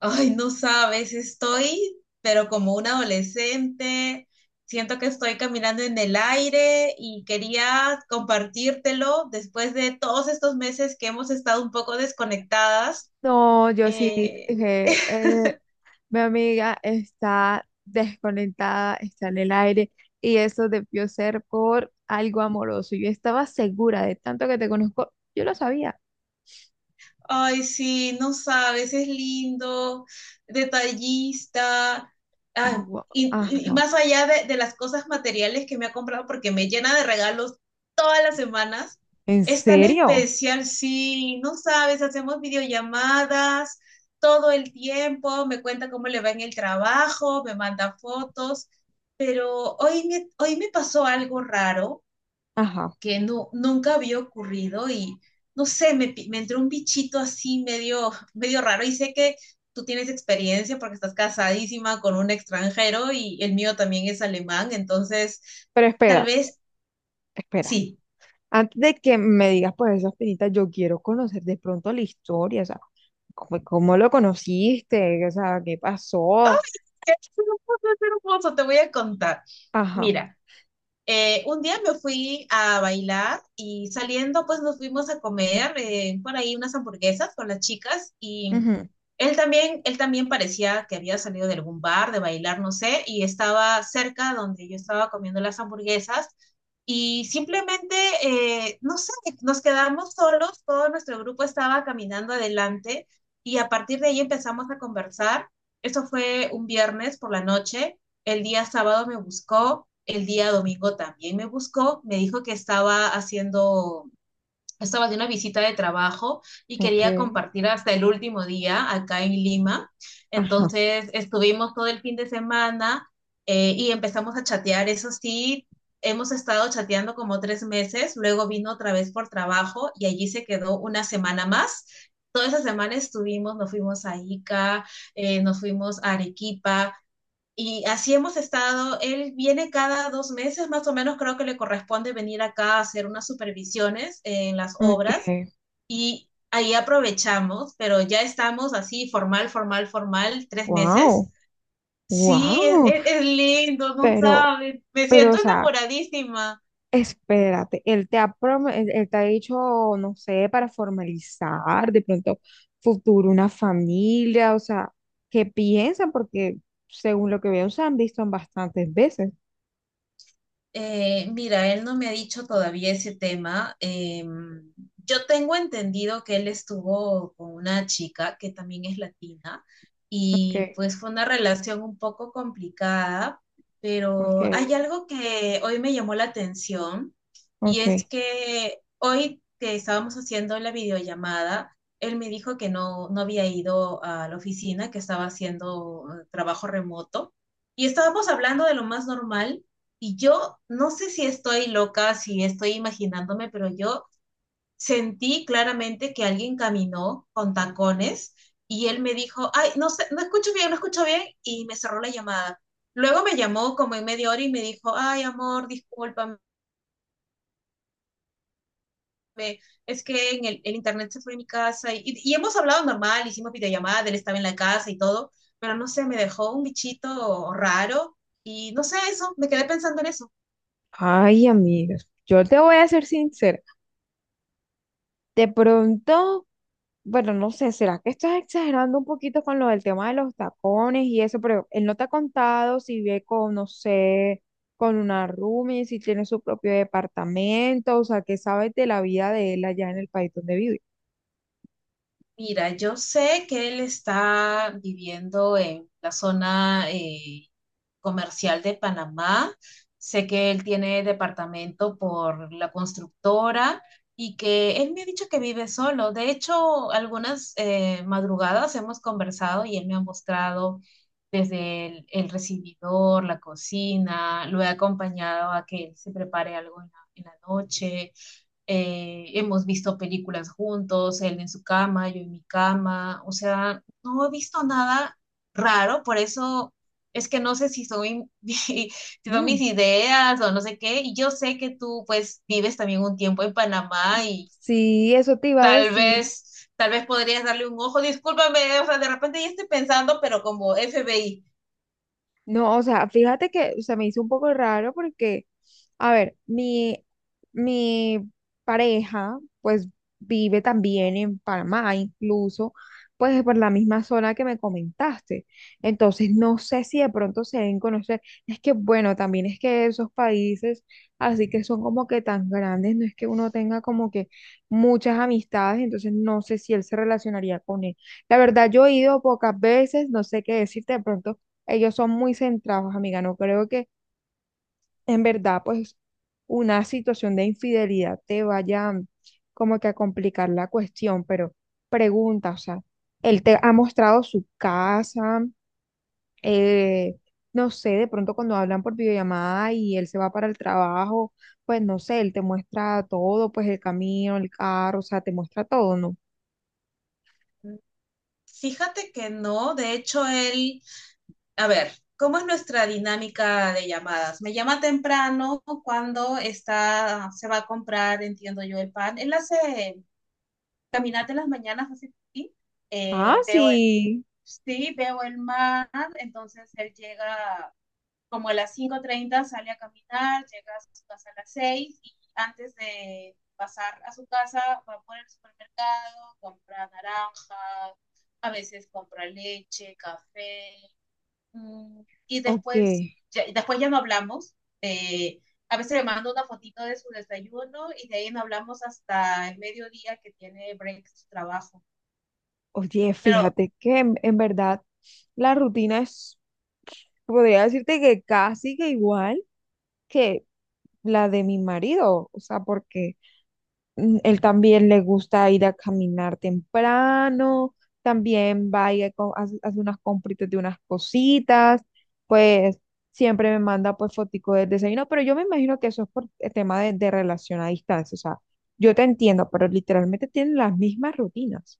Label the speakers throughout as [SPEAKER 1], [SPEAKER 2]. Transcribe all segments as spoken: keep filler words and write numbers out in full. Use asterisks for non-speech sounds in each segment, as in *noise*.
[SPEAKER 1] Ay, no sabes, estoy, pero como un adolescente, siento que estoy caminando en el aire y quería compartírtelo después de todos estos meses que hemos estado un poco desconectadas.
[SPEAKER 2] No, yo sí
[SPEAKER 1] eh,
[SPEAKER 2] dije,
[SPEAKER 1] *laughs*
[SPEAKER 2] eh, mi amiga está desconectada, está en el aire y eso debió ser por algo amoroso. Yo estaba segura, de tanto que te conozco, yo lo sabía.
[SPEAKER 1] Ay, sí, no sabes, es lindo, detallista, ah,
[SPEAKER 2] Gua-
[SPEAKER 1] y, y- y
[SPEAKER 2] Ajá,
[SPEAKER 1] más allá de, de las cosas materiales que me ha comprado, porque me llena de regalos todas las semanas, es tan
[SPEAKER 2] no,
[SPEAKER 1] especial, sí, no sabes, hacemos videollamadas todo el tiempo, me cuenta cómo le va en el trabajo, me manda fotos, pero hoy me, hoy me pasó algo raro
[SPEAKER 2] ajá.
[SPEAKER 1] que no, nunca había ocurrido y no sé, me, pi- me entró un bichito así medio, medio raro y sé que tú tienes experiencia porque estás casadísima con un extranjero y el mío también es alemán, entonces
[SPEAKER 2] Pero
[SPEAKER 1] tal
[SPEAKER 2] espera,
[SPEAKER 1] vez
[SPEAKER 2] espera.
[SPEAKER 1] sí.
[SPEAKER 2] Antes de que me digas pues esas pinitas, yo quiero conocer de pronto la historia, o sea, cómo, cómo lo conociste, o sea, qué
[SPEAKER 1] *laughs* Ok,
[SPEAKER 2] pasó.
[SPEAKER 1] es hermoso, es hermoso, te voy a contar.
[SPEAKER 2] Ajá.
[SPEAKER 1] Mira, Eh, un día me fui a bailar y saliendo pues nos fuimos a comer eh, por ahí unas hamburguesas con las chicas y
[SPEAKER 2] Ujú.
[SPEAKER 1] él también, él también parecía que había salido de algún bar, de bailar, no sé, y estaba cerca donde yo estaba comiendo las hamburguesas y simplemente, eh, no sé, nos quedamos solos, todo nuestro grupo estaba caminando adelante y a partir de ahí empezamos a conversar. Eso fue un viernes por la noche. El día sábado me buscó, el día domingo también me buscó, me dijo que estaba haciendo, estaba de una visita de trabajo y
[SPEAKER 2] Ok.
[SPEAKER 1] quería compartir hasta el último día acá en Lima.
[SPEAKER 2] Ajá.
[SPEAKER 1] Entonces estuvimos todo el fin de semana eh, y empezamos a chatear, eso sí. Hemos estado chateando como tres meses, luego vino otra vez por trabajo y allí se quedó una semana más. Toda esa semana estuvimos, nos fuimos a Ica, eh, nos fuimos a Arequipa, y así hemos estado. Él viene cada dos meses, más o menos creo que le corresponde venir acá a hacer unas supervisiones en las
[SPEAKER 2] Ok.
[SPEAKER 1] obras y ahí aprovechamos, pero ya estamos así formal, formal, formal, tres meses.
[SPEAKER 2] Wow.
[SPEAKER 1] Sí, es,
[SPEAKER 2] Wow,
[SPEAKER 1] es- es lindo, no
[SPEAKER 2] pero,
[SPEAKER 1] sabes. Me
[SPEAKER 2] pero, o
[SPEAKER 1] siento
[SPEAKER 2] sea,
[SPEAKER 1] enamoradísima.
[SPEAKER 2] espérate, él te ha, prom- él, él te ha dicho, no sé, para formalizar de pronto futuro, una familia, o sea, ¿qué piensa? Porque según lo que veo, se han visto bastantes veces.
[SPEAKER 1] Eh, mira, él no me ha dicho todavía ese tema. Em, yo tengo entendido que él estuvo con una chica que también es latina y
[SPEAKER 2] Ok,
[SPEAKER 1] pues fue una relación un poco complicada,
[SPEAKER 2] ok,
[SPEAKER 1] pero hay algo que hoy me llamó la atención y es
[SPEAKER 2] ok.
[SPEAKER 1] que hoy que estábamos haciendo la videollamada, él me dijo que no, no había ido a la oficina, que estaba haciendo eh, trabajo remoto y estábamos hablando de lo más normal. Y yo no sé si estoy loca, si estoy imaginándome, pero yo sentí claramente que alguien caminó con tacones y él me dijo, ay, no sé, no escucho bien, no escucho bien, y me cerró la llamada. Luego me llamó como en media hora y me dijo, ay, amor, discúlpame, es que en el, el internet se fue de mi casa y, y, y hemos hablado normal, hicimos videollamada, él estaba en la casa y todo, pero no sé, me dejó un bichito raro y no sé eso, me quedé pensando en eso.
[SPEAKER 2] Ay, amigos, yo te voy a ser sincera. De pronto, bueno, no sé, ¿será que estás exagerando un poquito con lo del tema de los tacones y eso? Pero él no te ha contado si vive con, no sé, con una roomie, si tiene su propio departamento, o sea, ¿qué sabes de la vida de él allá en el país donde vive?
[SPEAKER 1] Mira, yo sé que él está viviendo en la zona eh, comercial de Panamá. Sé que él tiene departamento por la constructora y que él me ha dicho que vive solo. De hecho, algunas eh, madrugadas hemos conversado y él me ha mostrado desde el, el recibidor, la cocina. Lo he acompañado a que él se prepare algo en la en la noche. Eh, hemos visto películas juntos, él en su cama, yo en mi cama, o sea, no he visto nada raro, por eso es que no sé si son, *laughs* si son mis
[SPEAKER 2] Mm.
[SPEAKER 1] ideas o no sé qué, y yo sé que tú pues vives también un tiempo en Panamá y
[SPEAKER 2] Sí, eso te iba a
[SPEAKER 1] tal
[SPEAKER 2] decir.
[SPEAKER 1] vez, tal vez podrías darle un ojo, discúlpame, o sea, de repente ya estoy pensando, pero como F B I.
[SPEAKER 2] No, o sea, fíjate que se me hizo un poco raro porque, a ver, mi, mi pareja, pues vive también en Panamá, incluso pues por la misma zona que me comentaste. Entonces, no sé si de pronto se deben conocer. Es que, bueno, también es que esos países, así que son como que tan grandes, no es que uno tenga como que muchas amistades, entonces no sé si él se relacionaría con él. La verdad, yo he ido pocas veces, no sé qué decirte, de pronto. Ellos son muy centrados, amiga. No creo que en verdad, pues, una situación de infidelidad te vaya, mm, como que a complicar la cuestión, pero pregunta, o sea, él te ha mostrado su casa, eh, no sé, de pronto cuando hablan por videollamada y él se va para el trabajo, pues no sé, él te muestra todo, pues el camino, el carro, o sea, te muestra todo, ¿no?
[SPEAKER 1] Fíjate que no, de hecho. Él A ver, ¿cómo es nuestra dinámica de llamadas? Me llama temprano cuando está, se va a comprar, entiendo yo, el pan. Él hace caminata en las mañanas, hace pipí.
[SPEAKER 2] Ah,
[SPEAKER 1] Eh, veo el,
[SPEAKER 2] sí.
[SPEAKER 1] sí, veo el mar, entonces él llega como a las cinco treinta, sale a caminar, llega a su casa a las seis y antes de pasar a su casa va por el supermercado, compra naranjas, a veces compra leche, café. Mm, Y
[SPEAKER 2] Ok.
[SPEAKER 1] después ya, después ya no hablamos. eh, a veces le mando una fotito de su desayuno y de ahí no hablamos hasta el mediodía que tiene break su trabajo.
[SPEAKER 2] Oye,
[SPEAKER 1] Pero
[SPEAKER 2] fíjate que en en verdad la rutina es, podría decirte que casi que igual que la de mi marido, o sea, porque mm, él también le gusta ir a caminar temprano, también va y co- hace, hace unas compritas de unas cositas, pues siempre me manda pues fotico del desayuno, pero yo me imagino que eso es por el tema de, de relación a distancia, o sea, yo te entiendo, pero literalmente tienen las mismas rutinas.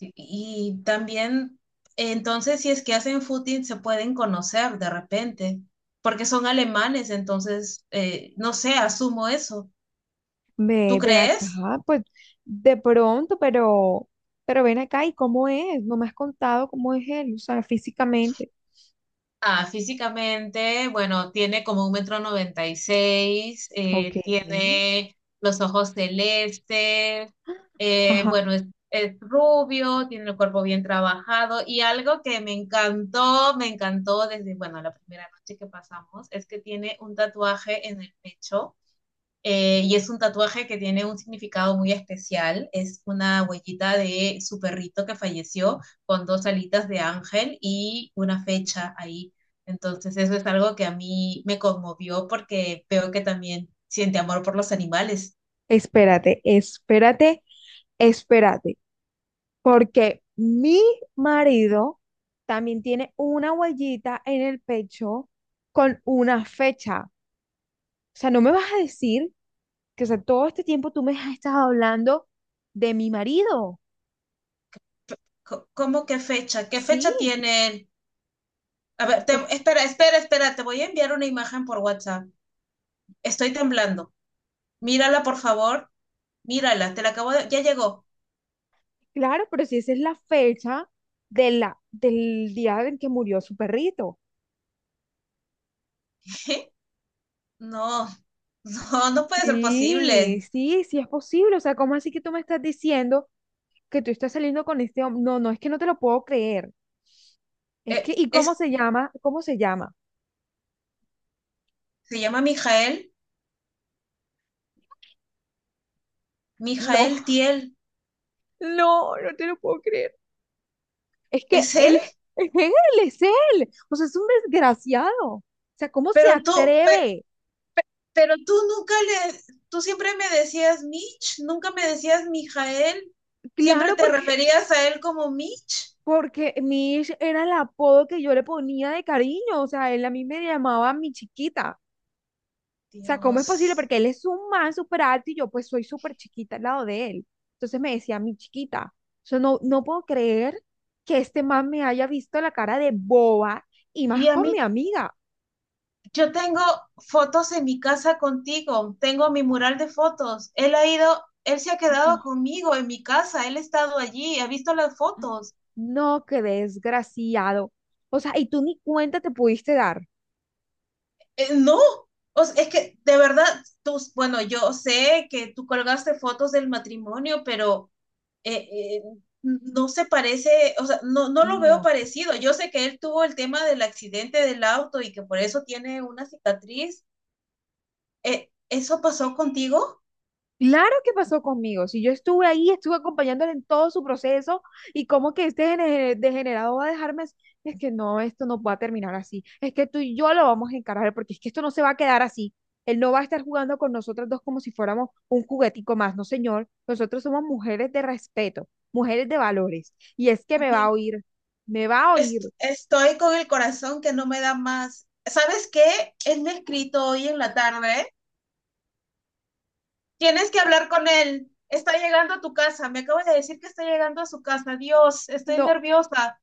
[SPEAKER 1] y y también, entonces, si es que hacen footing, se pueden conocer de repente, porque son alemanes, entonces, eh, no sé, asumo eso. ¿Tú
[SPEAKER 2] Ve, ven
[SPEAKER 1] crees?
[SPEAKER 2] acá, pues de pronto, pero, pero ven acá, y cómo es, no me has contado cómo es él, o sea, físicamente.
[SPEAKER 1] Ah, físicamente, bueno, tiene como un metro noventa y seis,
[SPEAKER 2] Ok.
[SPEAKER 1] eh, tiene los ojos celestes, eh,
[SPEAKER 2] Ajá.
[SPEAKER 1] bueno, es, es rubio, tiene el cuerpo bien trabajado y algo que me encantó, me encantó desde, bueno, la primera noche que pasamos, es que tiene un tatuaje en el pecho. Eh, y es un tatuaje que tiene un significado muy especial. Es una huellita de su perrito que falleció con dos alitas de ángel y una fecha ahí. Entonces eso es algo que a mí me conmovió porque veo que también siente amor por los animales.
[SPEAKER 2] Espérate, espérate, espérate, porque mi marido también tiene una huellita en el pecho con una fecha. O sea, no me vas a decir que, o sea, todo este tiempo tú me has estado hablando de mi marido.
[SPEAKER 1] Co- ¿Cómo qué fecha? ¿Qué
[SPEAKER 2] Sí,
[SPEAKER 1] fecha tiene? A ver, te-
[SPEAKER 2] pues
[SPEAKER 1] espera, espera, espera, te voy a enviar una imagen por WhatsApp. Estoy temblando. Mírala, por favor. Mírala, te la acabo de... Ya llegó.
[SPEAKER 2] claro, pero si esa es la fecha de la, del día en que murió su perrito.
[SPEAKER 1] *laughs* No, no, no puede ser
[SPEAKER 2] Sí,
[SPEAKER 1] posible.
[SPEAKER 2] sí, sí es posible. O sea, ¿cómo así que tú me estás diciendo que tú estás saliendo con este hombre? No, no, es que no te lo puedo creer. Es
[SPEAKER 1] Eh,
[SPEAKER 2] que, ¿y cómo
[SPEAKER 1] es,
[SPEAKER 2] se llama? ¿Cómo se llama?
[SPEAKER 1] se llama Mijael,
[SPEAKER 2] No,
[SPEAKER 1] Mijael Tiel.
[SPEAKER 2] no, no te lo puedo creer. Es que
[SPEAKER 1] ¿Es él?
[SPEAKER 2] él, *laughs* es él, es él. O sea, es un desgraciado. O sea, ¿cómo se
[SPEAKER 1] Pero tú, pe-
[SPEAKER 2] atreve?
[SPEAKER 1] pero tú nunca le, tú siempre me decías Mitch, nunca me decías Mijael. Siempre
[SPEAKER 2] Claro,
[SPEAKER 1] te
[SPEAKER 2] porque
[SPEAKER 1] referías a él como Mitch.
[SPEAKER 2] porque Mish era el apodo que yo le ponía de cariño, o sea, él a mí me llamaba mi chiquita. O sea, ¿cómo es posible?
[SPEAKER 1] Dios.
[SPEAKER 2] Porque él es un man súper alto y yo pues soy súper chiquita al lado de él. Entonces me decía mi chiquita. Yo no, no puedo creer que este man me haya visto la cara de boba y más
[SPEAKER 1] Y a
[SPEAKER 2] con mi
[SPEAKER 1] mí,
[SPEAKER 2] amiga.
[SPEAKER 1] yo tengo fotos en mi casa contigo, tengo mi mural de fotos. Él ha ido, él se ha quedado
[SPEAKER 2] No,
[SPEAKER 1] conmigo en mi casa, él ha estado allí, ha visto las fotos.
[SPEAKER 2] no, qué desgraciado. O sea, y tú ni cuenta te pudiste dar.
[SPEAKER 1] Eh, no, o sea, es que de verdad, tú, bueno, yo sé que tú colgaste fotos del matrimonio, pero eh, eh, no se parece, o sea, no, no lo veo
[SPEAKER 2] No,
[SPEAKER 1] parecido. Yo sé que él tuvo el tema del accidente del auto y que por eso tiene una cicatriz. Eh, ¿eso pasó contigo?
[SPEAKER 2] claro que pasó conmigo. Si yo estuve ahí, estuve acompañándole en todo su proceso, y como que este gene- degenerado va a dejarme, as- es que no, esto no va a terminar así. Es que tú y yo lo vamos a encarar porque es que esto no se va a quedar así. Él no va a estar jugando con nosotras dos como si fuéramos un juguetico más, no señor. Nosotros somos mujeres de respeto, mujeres de valores. Y es que me va a
[SPEAKER 1] Amiga,
[SPEAKER 2] oír, me va a oír.
[SPEAKER 1] Es- estoy con el corazón que no me da más. ¿Sabes qué? Él me ha escrito hoy en la tarde. Tienes que hablar con él. Está llegando a tu casa. Me acaba de decir que está llegando a su casa. Dios, estoy
[SPEAKER 2] No,
[SPEAKER 1] nerviosa.